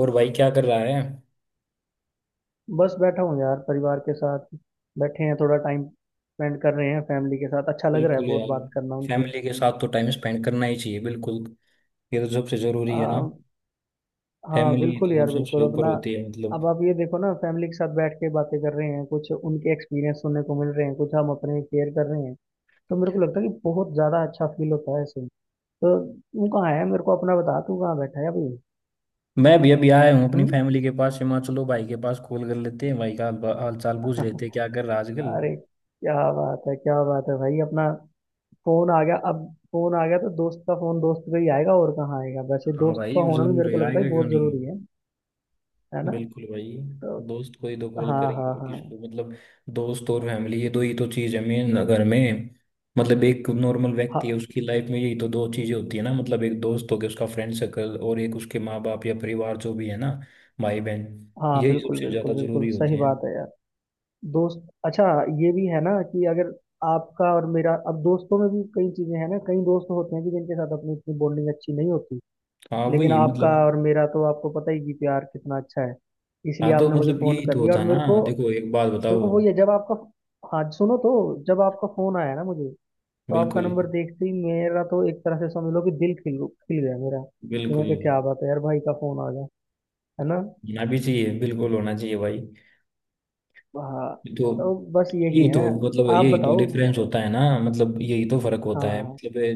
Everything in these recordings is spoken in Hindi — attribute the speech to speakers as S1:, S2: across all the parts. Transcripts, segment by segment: S1: और भाई क्या कर रहा है?
S2: बस बैठा हूँ यार, परिवार के साथ बैठे हैं। थोड़ा टाइम स्पेंड कर रहे हैं फैमिली के साथ। अच्छा लग रहा है
S1: बिल्कुल
S2: बहुत
S1: यार।
S2: बात करना उनसे।
S1: फैमिली के साथ तो टाइम स्पेंड करना ही चाहिए बिल्कुल। ये तो सबसे जरूरी है ना।
S2: आ, हाँ
S1: फैमिली
S2: बिल्कुल
S1: तो
S2: यार,
S1: सबसे
S2: बिल्कुल
S1: ऊपर
S2: अपना।
S1: होती है
S2: अब
S1: मतलब।
S2: आप ये देखो ना, फैमिली के साथ बैठ के बातें कर रहे हैं। कुछ उनके एक्सपीरियंस सुनने को मिल रहे हैं, कुछ हम अपने शेयर कर रहे हैं। तो मेरे को लगता है कि बहुत ज़्यादा अच्छा फील होता है ऐसे। तो तू कहाँ है? मेरे को अपना बता, तू कहाँ बैठा है अभी?
S1: मैं भी अभी आया हूँ अपनी
S2: हम्म।
S1: फैमिली के पास। मैं चलो भाई के पास कॉल कर लेते हैं। भाई का हाल हाल चाल पूछ लेते हैं, क्या कर रहा है आजकल।
S2: अरे, क्या बात है, क्या बात है भाई अपना। फोन आ गया अब। फोन आ गया तो दोस्त का फोन दोस्त पे ही आएगा, और कहाँ आएगा? वैसे
S1: हाँ
S2: दोस्त का
S1: भाई
S2: होना भी
S1: जरूर
S2: मेरे को
S1: है,
S2: लगता है
S1: आएगा क्यों
S2: बहुत
S1: नहीं।
S2: जरूरी है ना।
S1: बिल्कुल भाई।
S2: तो
S1: दोस्त को ही तो कॉल
S2: हाँ,
S1: करेंगे
S2: हाँ,
S1: और
S2: हाँ।
S1: किसको मतलब। दोस्त और फैमिली ये दो ही तो चीज है मेन अगर में। मतलब एक नॉर्मल व्यक्ति है,
S2: हाँ,
S1: उसकी लाइफ में यही तो दो चीजें होती है ना। मतलब एक दोस्त हो गया उसका फ्रेंड सर्कल, और एक उसके माँ बाप या परिवार जो भी है ना। भाई बहन।
S2: हाँ,
S1: यही
S2: बिल्कुल
S1: सबसे ज्यादा
S2: बिल्कुल बिल्कुल
S1: जरूरी होती
S2: सही
S1: है।
S2: बात है यार। दोस्त अच्छा। ये भी है ना कि अगर आपका और मेरा, अब दोस्तों में भी कई चीजें हैं ना, कई दोस्त होते हैं कि जिनके साथ अपनी इतनी बॉन्डिंग अच्छी नहीं होती।
S1: हाँ
S2: लेकिन
S1: वही
S2: आपका
S1: मतलब।
S2: और मेरा तो आपको पता ही कि प्यार कितना अच्छा है, इसलिए
S1: हाँ तो
S2: आपने मुझे
S1: मतलब
S2: फोन
S1: यही तो
S2: कर लिया
S1: होता
S2: और
S1: है
S2: मेरे को।
S1: ना, देखो एक बात
S2: मेरे
S1: बताओ।
S2: को वही है जब आपका, हाँ सुनो तो, जब आपका फोन आया ना मुझे। तो आपका
S1: बिल्कुल
S2: नंबर देखते ही मेरा तो एक तरह से समझ लो कि दिल खिल खिल गया। मेरा तो मैं
S1: बिल्कुल,
S2: कहा, क्या बात है यार, भाई का फोन आ गया। है ना।
S1: होना भी चाहिए, बिल्कुल होना चाहिए भाई।
S2: हाँ
S1: तो
S2: तो बस यही
S1: यही तो
S2: है,
S1: मतलब
S2: आप
S1: यही तो
S2: बताओ।
S1: डिफरेंस होता है ना, मतलब यही तो फर्क
S2: हाँ,
S1: होता है
S2: हाँ, हाँ।
S1: मतलब ये।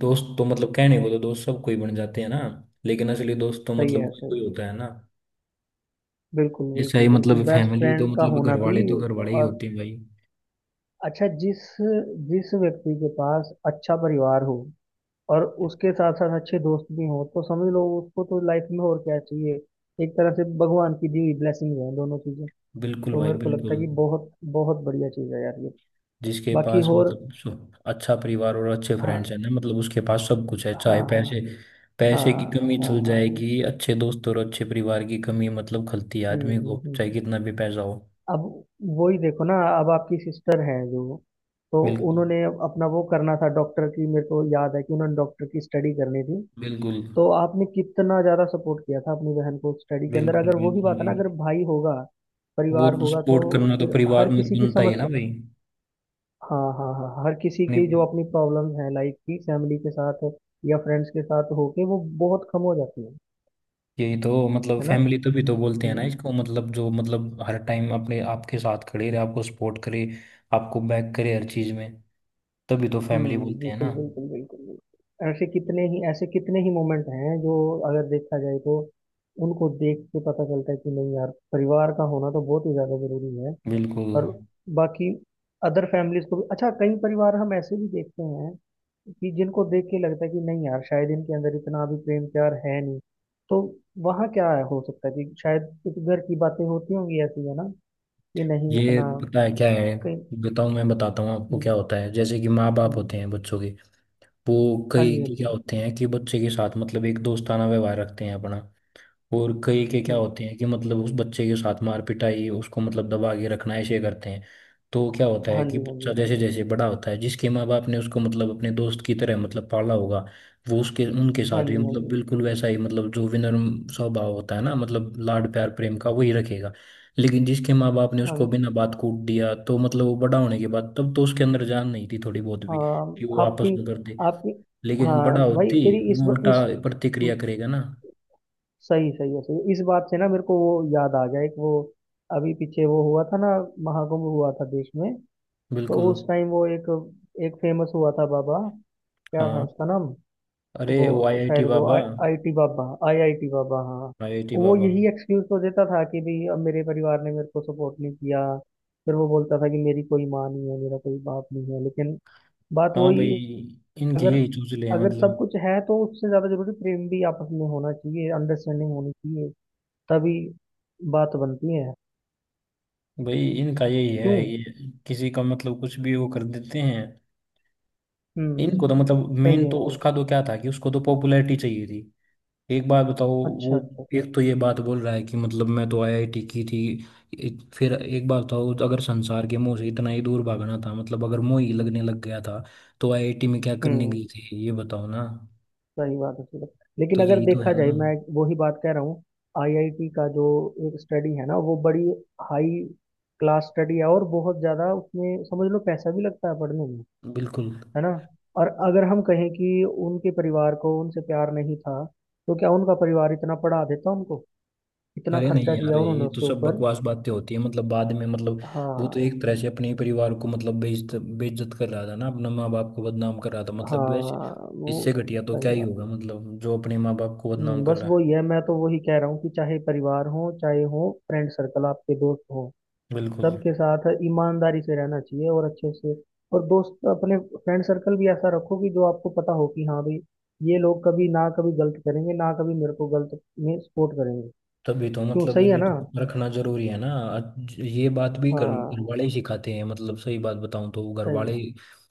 S1: दोस्त तो मतलब कहने को तो दोस्त सब कोई बन जाते हैं ना, लेकिन असली दोस्त तो
S2: सही
S1: मतलब
S2: है
S1: कोई
S2: सही
S1: कोई
S2: है।
S1: होता है ना।
S2: बिल्कुल
S1: ऐसा
S2: बिल्कुल
S1: ही
S2: बिल्कुल,
S1: मतलब
S2: बेस्ट
S1: फैमिली तो
S2: फ्रेंड का
S1: मतलब
S2: होना
S1: घर
S2: भी।
S1: वाले तो घर वाले ही
S2: और
S1: होते हैं भाई।
S2: अच्छा, जिस जिस व्यक्ति के पास अच्छा परिवार हो, और उसके साथ साथ अच्छे दोस्त भी हों, तो समझ लो उसको तो लाइफ में और क्या चाहिए। एक तरह से भगवान की दी हुई ब्लेसिंग है दोनों चीजें।
S1: बिल्कुल
S2: तो
S1: भाई
S2: मेरे को लगता
S1: बिल्कुल।
S2: है कि बहुत बहुत बढ़िया चीज है यार ये।
S1: जिसके
S2: बाकी
S1: पास
S2: और।
S1: मतलब अच्छा परिवार और अच्छे फ्रेंड्स
S2: हाँ,
S1: हैं ना, मतलब उसके पास सब कुछ है,
S2: हाँ,
S1: चाहे
S2: हाँ,
S1: पैसे।
S2: हाँ,
S1: पैसे की कमी
S2: हाँ,
S1: चल
S2: हाँ, हाँ।
S1: जाएगी, अच्छे दोस्त और अच्छे परिवार की कमी मतलब खलती है
S2: हम्म
S1: आदमी
S2: हम्म
S1: को,
S2: हम्म
S1: चाहे
S2: हम्म।
S1: कितना भी पैसा हो।
S2: अब वही देखो ना, अब आपकी सिस्टर है जो, तो
S1: बिल्कुल
S2: उन्होंने अपना वो करना था डॉक्टर की। मेरे को याद है कि उन्होंने डॉक्टर की स्टडी करनी थी।
S1: बिल्कुल
S2: तो आपने कितना ज्यादा सपोर्ट किया था अपनी बहन को स्टडी के अंदर।
S1: बिल्कुल।
S2: अगर वही
S1: बिल्कुल
S2: बात है
S1: भाई।
S2: ना, अगर भाई होगा,
S1: वो
S2: परिवार
S1: तो
S2: होगा, तो
S1: सपोर्ट करना तो
S2: फिर
S1: परिवार
S2: हर
S1: में
S2: किसी की
S1: बनता ही
S2: समझ।
S1: है ना भाई।
S2: हाँ, हाँ, हाँ, हर किसी
S1: अपने।
S2: की जो अपनी प्रॉब्लम्स हैं लाइफ की, फैमिली के साथ या फ्रेंड्स के साथ होके वो बहुत कम हो जाती है
S1: यही तो मतलब
S2: है ना।
S1: फैमिली तो भी तो बोलते हैं ना
S2: हम्म।
S1: इसको, मतलब जो मतलब हर टाइम अपने आपके साथ खड़े रहे, आपको सपोर्ट करे। आपको बैक करे हर चीज में। तभी तो फैमिली
S2: हम्म,
S1: बोलते हैं
S2: बिल्कुल
S1: ना।
S2: बिल्कुल बिल्कुल बिल्कुल। ऐसे कितने ही, ऐसे कितने ही मोमेंट हैं जो, अगर देखा जाए तो, उनको देख के पता चलता है कि नहीं यार, परिवार का होना तो बहुत ही ज्यादा जरूरी है।
S1: बिल्कुल।
S2: और बाकी अदर फैमिलीज को भी अच्छा, कई परिवार हम ऐसे भी देखते हैं कि जिनको देख के लगता है कि नहीं यार, शायद इनके अंदर इतना अभी प्रेम प्यार है नहीं। तो वहाँ क्या है, हो सकता है कि शायद कुछ घर की बातें होती होंगी ऐसी, है ना। कि नहीं
S1: ये
S2: इतना
S1: पता है क्या है,
S2: कहीं।
S1: बताऊं, मैं बताता हूँ आपको
S2: हम्म,
S1: क्या होता है। जैसे कि माँ बाप
S2: हम्म,
S1: होते हैं बच्चों के। वो
S2: हाँ
S1: कई
S2: जी, हाँ
S1: क्या
S2: जी।
S1: होते हैं कि बच्चे के साथ मतलब एक दोस्ताना व्यवहार रखते हैं अपना। और कई के क्या
S2: हम्म।
S1: होते हैं कि मतलब उस बच्चे के साथ मार पिटाई, उसको मतलब दबा के रखना, ऐसे करते हैं। तो क्या होता है
S2: हाँ
S1: कि
S2: जी, हाँ जी,
S1: बच्चा
S2: हाँ
S1: जैसे
S2: जी,
S1: जैसे बड़ा होता है, जिसके माँ बाप ने उसको मतलब अपने दोस्त की तरह मतलब पाला होगा, वो उसके उनके साथ
S2: हाँ
S1: भी
S2: जी, हाँ
S1: मतलब
S2: जी,
S1: बिल्कुल वैसा ही, मतलब जो विनम्र स्वभाव होता है ना, मतलब लाड प्यार प्रेम का वही रखेगा। लेकिन जिसके माँ बाप ने
S2: हाँ
S1: उसको
S2: जी।
S1: बिना बात कूट दिया, तो मतलब वो बड़ा होने के बाद तब तो उसके अंदर जान नहीं थी थोड़ी बहुत भी
S2: हाँ
S1: कि वो आपस
S2: आपकी
S1: में कर दे।
S2: आपकी
S1: लेकिन
S2: हाँ
S1: बड़ा
S2: भाई
S1: होती
S2: तेरी इस
S1: वो
S2: ब-
S1: उल्टा
S2: इस
S1: प्रतिक्रिया
S2: हम्म,
S1: करेगा ना।
S2: सही सही है सही है। इस बात से ना मेरे को वो याद आ गया, एक वो अभी पीछे वो हुआ था ना, महाकुंभ हुआ था देश में। तो
S1: बिल्कुल।
S2: उस टाइम वो एक एक फेमस हुआ था बाबा, क्या था
S1: हाँ।
S2: उसका नाम।
S1: अरे
S2: वो
S1: ओ IIT
S2: शायद वो
S1: बाबा।
S2: IIT बाबा, IIT बाबा, हाँ।
S1: IIT
S2: वो
S1: बाबा
S2: यही एक्सक्यूज तो देता था कि भाई, अब मेरे परिवार ने मेरे को सपोर्ट नहीं किया। फिर वो बोलता था कि मेरी कोई माँ नहीं है, मेरा कोई बाप नहीं है, लेकिन बात
S1: हाँ। भाई
S2: वही,
S1: इनके
S2: अगर
S1: यही चूसले हैं
S2: अगर सब
S1: मतलब।
S2: कुछ है तो उससे ज्यादा जरूरी प्रेम भी आपस में होना चाहिए, अंडरस्टैंडिंग होनी चाहिए। तभी बात बनती है।
S1: भाई इनका यही
S2: क्यों।
S1: है ये। किसी का मतलब कुछ भी वो कर देते हैं। इनको
S2: हम्म।
S1: तो मतलब
S2: सही
S1: मेन
S2: है,
S1: तो
S2: सही।
S1: उसका तो क्या था कि उसको तो पॉपुलैरिटी चाहिए थी। एक बात बताओ।
S2: अच्छा,
S1: वो
S2: अच्छा, अच्छा।
S1: एक तो ये बात बोल रहा है कि मतलब मैं तो IIT की थी। फिर एक बात बताओ, अगर संसार के मोह से इतना ही दूर भागना था, मतलब अगर मोह ही लगने लग गया था, तो आईआईटी में क्या करने
S2: हम्म।
S1: गई थी ये बताओ ना।
S2: सही बात है, सही बात। लेकिन
S1: तो
S2: अगर
S1: यही तो
S2: देखा
S1: है
S2: जाए,
S1: ना।
S2: मैं वही बात कह रहा हूँ, आईआईटी का जो एक स्टडी है ना, वो बड़ी हाई क्लास स्टडी है, और बहुत ज्यादा उसमें समझ लो पैसा भी लगता है पढ़ने में।
S1: बिल्कुल।
S2: है ना। और अगर हम कहें कि उनके परिवार को उनसे प्यार नहीं था, तो क्या उनका परिवार इतना पढ़ा देता उनको? इतना
S1: अरे नहीं
S2: खर्चा
S1: यार,
S2: किया उन्होंने
S1: ये तो
S2: उसके
S1: सब
S2: ऊपर।
S1: बकवास बातें होती है, मतलब बाद में मतलब वो तो
S2: हाँ,
S1: एक तरह से अपने ही परिवार को मतलब बेइज्जत बेइज्जत कर रहा था ना, अपना माँ बाप को बदनाम कर रहा था मतलब वैसे।
S2: हाँ वो।
S1: इससे घटिया तो
S2: सही
S1: क्या ही
S2: बात
S1: होगा
S2: है।
S1: मतलब, जो अपने माँ बाप को बदनाम कर
S2: बस
S1: रहा है।
S2: वो ये, मैं तो वही कह रहा हूँ कि चाहे परिवार हो, चाहे हो फ्रेंड सर्कल, आपके दोस्त हो,
S1: बिल्कुल।
S2: सबके साथ ईमानदारी से रहना चाहिए और अच्छे से। और दोस्त अपने फ्रेंड सर्कल भी ऐसा रखो कि जो आपको पता हो कि हाँ भाई, ये लोग कभी ना कभी गलत करेंगे, ना कभी मेरे को गलत में सपोर्ट करेंगे।
S1: तभी तो
S2: क्यों।
S1: मतलब
S2: सही है
S1: ये
S2: ना।
S1: तो रखना जरूरी है ना, आज ये बात भी घर घर
S2: हाँ,
S1: वाले ही सिखाते हैं, मतलब सही बात बताऊं तो घर
S2: सही
S1: वाले।
S2: है,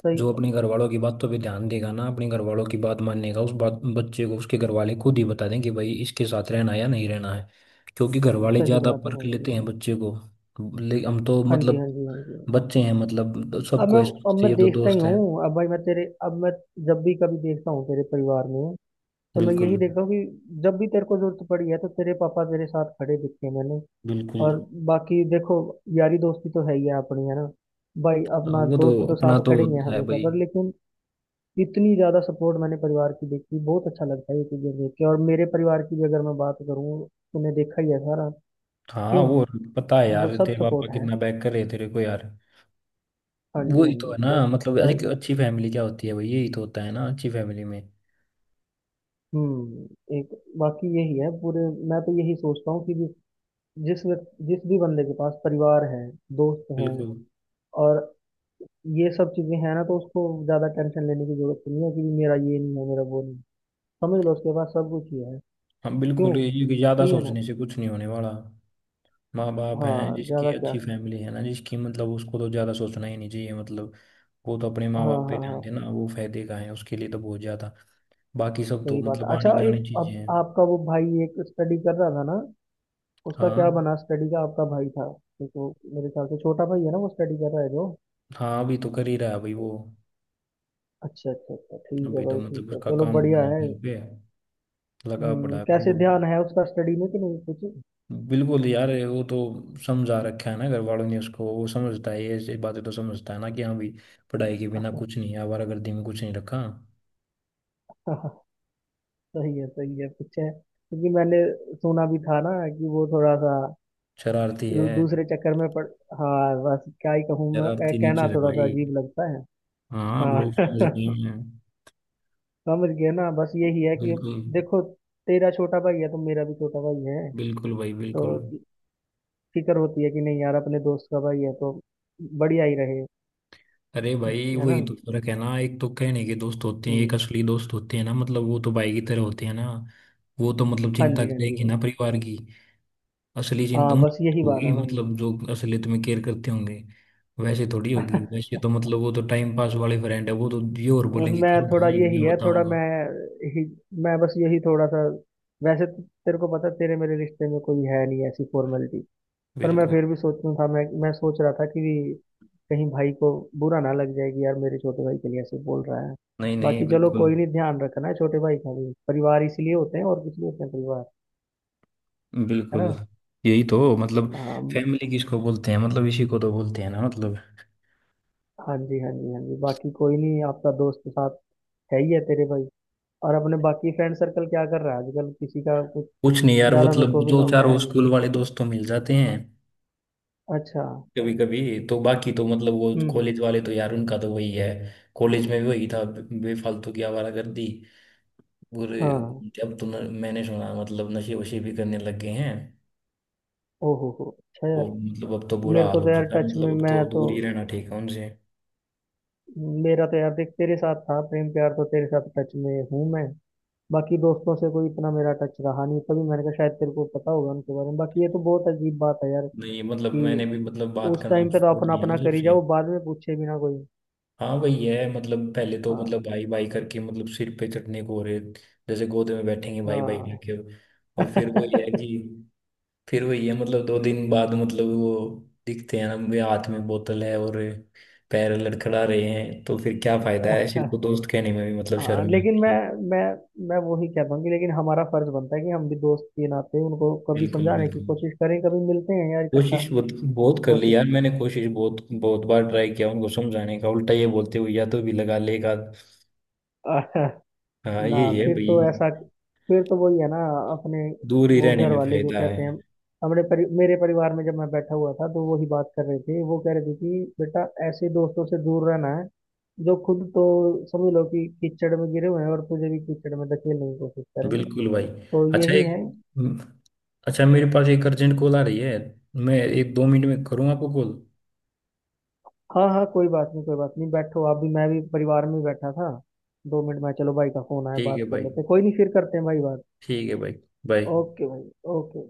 S2: सही।
S1: जो अपने घर वालों की बातों पे ध्यान देगा ना, अपने घर वालों की बात मानने का, उस बात बच्चे को उसके घर वाले खुद ही बता दें कि भाई इसके साथ रहना या नहीं रहना है। क्योंकि घर वाले
S2: सही
S1: ज्यादा
S2: बात है
S1: परख
S2: भाई, सही
S1: लेते हैं
S2: है।
S1: बच्चे को। ले हम तो
S2: हाँ जी,
S1: मतलब
S2: हाँ जी, हाँ जी।
S1: बच्चे हैं, मतलब तो
S2: अब
S1: सबको
S2: मैं
S1: ये
S2: अब
S1: समझते
S2: मैं
S1: हैं, ये तो
S2: देखता ही
S1: दोस्त हैं।
S2: हूँ। अब भाई मैं तेरे, अब मैं जब भी कभी देखता हूँ तेरे परिवार में, तो मैं यही
S1: बिल्कुल
S2: देखता हूँ कि जब भी तेरे को जरूरत पड़ी है तो तेरे पापा तेरे साथ खड़े दिखते हैं मैंने।
S1: बिल्कुल।
S2: और बाकी देखो, यारी दोस्ती तो है ही है अपनी, है ना भाई।
S1: हाँ,
S2: अपना
S1: वो तो
S2: दोस्त तो
S1: अपना
S2: साथ
S1: तो
S2: खड़े ही है
S1: होता है
S2: हमेशा,
S1: भाई।
S2: पर लेकिन इतनी ज्यादा सपोर्ट मैंने परिवार की देखी, बहुत अच्छा लगता है ये चीजें देख के। और मेरे परिवार की भी अगर मैं बात करूँ, तूने देखा ही है सारा।
S1: हाँ
S2: क्यों।
S1: वो, पता है
S2: वो
S1: यार
S2: सब
S1: तेरे पापा
S2: सपोर्ट है।
S1: कितना बैक कर रहे हैं तेरे को यार।
S2: हाँ जी, हाँ
S1: वही तो है
S2: जी,
S1: ना
S2: बस।
S1: मतलब,
S2: क्या।
S1: अरे कि अच्छी फैमिली क्या होती है भाई, यही तो होता है ना अच्छी फैमिली में।
S2: हम्म, एक बाकी यही है पूरे। मैं तो यही सोचता हूँ कि जिस जिस व्यक्ति, जिस भी बंदे के पास परिवार है, दोस्त हैं,
S1: बिल्कुल।
S2: और ये सब चीजें हैं ना, तो उसको ज्यादा टेंशन लेने की जरूरत तो नहीं है कि मेरा ये नहीं है, मेरा वो नहीं है। समझ लो उसके पास सब कुछ ही है।
S1: हम
S2: क्यों।
S1: बिल्कुल, ये कि ज्यादा
S2: सही है ना।
S1: सोचने से कुछ नहीं होने वाला। माँ बाप हैं
S2: हाँ,
S1: जिसकी,
S2: ज्यादा क्या।
S1: अच्छी फैमिली है ना जिसकी, मतलब उसको तो ज्यादा सोचना ही नहीं चाहिए मतलब। वो तो अपने माँ
S2: हाँ,
S1: बाप
S2: हाँ,
S1: पे ध्यान
S2: हाँ।
S1: देना, वो फायदे का है उसके लिए तो, बहुत ज्यादा। बाकी सब तो
S2: सही बात
S1: मतलब
S2: है। अच्छा,
S1: आनी
S2: एक
S1: जानी चीजें
S2: अब
S1: हैं।
S2: आपका वो भाई एक स्टडी कर रहा था ना, उसका
S1: हाँ।
S2: क्या बना स्टडी का? आपका भाई था। तो मेरे ख्याल से छोटा भाई है ना, वो स्टडी कर रहा है जो।
S1: हाँ अभी तो कर ही रहा है भाई वो।
S2: अच्छा, अच्छा, अच्छा, ठीक है
S1: अभी तो
S2: भाई, ठीक
S1: मतलब
S2: है,
S1: उसका
S2: चलो
S1: काम हुआ
S2: बढ़िया
S1: नहीं
S2: है।
S1: कहीं पे, लगा पड़ा है पर
S2: कैसे
S1: वो।
S2: ध्यान है उसका स्टडी में कि नहीं कुछ।
S1: बिल्कुल यार, ये वो तो समझा रखा है ना घर वालों ने उसको, वो समझता है, ये ऐसी बातें तो समझता है ना कि हाँ भाई, पढ़ाई के बिना कुछ नहीं है, आवारागर्दी में कुछ नहीं रखा।
S2: सही है, सही है कुछ है, क्योंकि मैंने सुना भी था ना कि वो थोड़ा सा
S1: शरारती
S2: दू-
S1: है।
S2: दूसरे चक्कर में पड़। हाँ बस क्या ही कहूँ मैं, कह-
S1: शरारती
S2: कहना
S1: नेचर है
S2: थोड़ा सा
S1: भाई।
S2: अजीब लगता है।
S1: हाँ वो समझ
S2: हाँ।
S1: गया मैं।
S2: समझ गए ना। बस यही है कि
S1: बिल्कुल
S2: देखो, तेरा छोटा भाई है तो मेरा भी छोटा भाई है।
S1: बिल्कुल भाई
S2: तो
S1: बिल्कुल।
S2: फिक्र होती है कि नहीं यार, अपने दोस्त का भाई है तो बढ़िया ही रहे।
S1: अरे भाई
S2: है ना।
S1: वही तो फर्क है ना, एक तो कहने के दोस्त होते हैं, एक
S2: हम्म,
S1: असली दोस्त होते हैं ना, मतलब वो तो भाई की तरह होते हैं ना। वो तो मतलब
S2: हाँ
S1: चिंता
S2: जी, हाँ जी,
S1: करेंगे
S2: हाँ
S1: ना
S2: जी।
S1: परिवार की। असली चिंता
S2: हाँ
S1: उनकी
S2: बस यही बात
S1: होगी,
S2: है भाई।
S1: मतलब जो असलियत में केयर करते होंगे, वैसे थोड़ी होगी। वैसे तो मतलब वो तो टाइम पास वाले फ्रेंड है, वो तो ये और बोलेंगे
S2: मैं
S1: कर
S2: थोड़ा
S1: भाई
S2: यही
S1: मैं
S2: है, थोड़ा मैं
S1: बताऊंगा।
S2: ही, मैं बस यही थोड़ा सा। वैसे तो तेरे को पता है, तेरे मेरे रिश्ते में कोई है नहीं ऐसी फॉर्मेलिटी, पर मैं
S1: बिल्कुल।
S2: फिर भी सोचता था, मैं सोच रहा था कि कहीं भाई को बुरा ना लग जाएगी यार, मेरे छोटे भाई के लिए ऐसे बोल रहा है।
S1: नहीं नहीं,
S2: बाकी चलो
S1: बिल्कुल
S2: कोई नहीं, ध्यान रखना है छोटे भाई का भी। परिवार इसीलिए होते हैं, और कुछ नहीं होते हैं परिवार, है
S1: बिल्कुल।
S2: ना।
S1: यही तो मतलब
S2: हाँ
S1: फैमिली किसको बोलते हैं, मतलब इसी को तो बोलते हैं ना मतलब।
S2: हाँ जी, हाँ जी, हाँ जी। बाकी कोई नहीं, आपका दोस्त के साथ है ही है तेरे भाई। और अपने बाकी फ्रेंड सर्कल क्या कर रहा है आजकल, किसी का कुछ
S1: कुछ नहीं यार,
S2: ज्यादा मेरे
S1: मतलब
S2: को भी
S1: जो चारों
S2: है नहीं।
S1: स्कूल वाले दोस्त तो मिल जाते हैं
S2: अच्छा।
S1: कभी कभी तो। बाकी तो मतलब वो
S2: हम्म, हम्म।
S1: कॉलेज वाले तो यार उनका तो वही है, कॉलेज में भी वही था, बेफालतू की आवारागर्दी पूरे।
S2: हाँ।
S1: अब तो मैंने सुना मतलब नशे वशे भी करने लग गए हैं
S2: ओहो हो, अच्छा
S1: वो।
S2: यार।
S1: मतलब अब तो बुरा
S2: मेरे
S1: हाल
S2: को
S1: हो
S2: तो यार
S1: चुका है,
S2: टच
S1: मतलब
S2: में,
S1: अब
S2: मैं
S1: तो
S2: तो,
S1: दूर ही रहना ठीक है उनसे।
S2: मेरा तो यार देख, तेरे साथ था प्रेम प्यार, तो तेरे साथ टच में हूँ मैं। बाकी दोस्तों से कोई इतना मेरा टच रहा नहीं, तभी मैंने कहा शायद तेरे को पता होगा उनके बारे में। बाकी ये तो बहुत अजीब बात है यार,
S1: नहीं मतलब मैंने
S2: कि
S1: भी मतलब बात
S2: उस
S1: करना
S2: टाइम पे तो
S1: छोड़
S2: अपना
S1: दिया
S2: अपना
S1: ना
S2: करी
S1: सबसे।
S2: जाओ, बाद में पूछे भी ना कोई।
S1: हाँ वही है मतलब, पहले तो
S2: हाँ,
S1: मतलब भाई भाई करके मतलब सिर पे चढ़ने को हो रहे, जैसे गोद में बैठेंगे भाई भाई
S2: हाँ।
S1: करके। और फिर वही है कि, फिर वही है मतलब 2 दिन बाद मतलब वो दिखते हैं ना, वे हाथ में बोतल है और पैर लड़खड़ा रहे हैं, तो फिर क्या फायदा है। सिर्फ तो दोस्त कहने में भी मतलब
S2: हाँ
S1: शर्म
S2: लेकिन मैं,
S1: आती है।
S2: मैं मैं वही कह पाऊंगी, लेकिन हमारा फर्ज बनता है कि हम भी दोस्त के नाते उनको कभी
S1: बिल्कुल
S2: समझाने की
S1: बिल्कुल।
S2: कोशिश करें, कभी मिलते हैं यार इकट्ठा।
S1: कोशिश बहुत बहुत कर ली
S2: कोशिश।
S1: यार मैंने, कोशिश बहुत बहुत बार ट्राई किया उनको समझाने का, उल्टा ये बोलते हुए या तो भी लगा लेगा।
S2: आह,
S1: हाँ
S2: ना,
S1: ये
S2: फिर
S1: भाई,
S2: तो ऐसा फिर तो वही है ना, अपने
S1: दूर ही
S2: वो
S1: रहने
S2: घर
S1: में
S2: वाले जो
S1: फायदा
S2: कहते हैं।
S1: है।
S2: मेरे परिवार में जब मैं बैठा हुआ था तो वही बात कर रहे थे, वो कह रहे थे कि बेटा ऐसे दोस्तों से दूर रहना है, जो खुद तो समझ लो कि कीचड़ में गिरे हुए हैं और तुझे भी कीचड़ में धकेलने की कोशिश करें।
S1: बिल्कुल भाई।
S2: तो
S1: अच्छा
S2: यही
S1: एक,
S2: है।
S1: अच्छा मेरे पास एक अर्जेंट कॉल आ रही है। मैं 1-2 मिनट में करूँ आपको कॉल।
S2: हाँ, हाँ, कोई बात नहीं, कोई बात नहीं, बैठो आप भी, मैं भी परिवार में ही बैठा था। 2 मिनट में, चलो भाई का फोन आया
S1: ठीक है
S2: बात कर
S1: भाई।
S2: लेते हैं। कोई नहीं, फिर करते हैं भाई बात।
S1: ठीक है भाई। बाय।
S2: ओके भाई। ओके।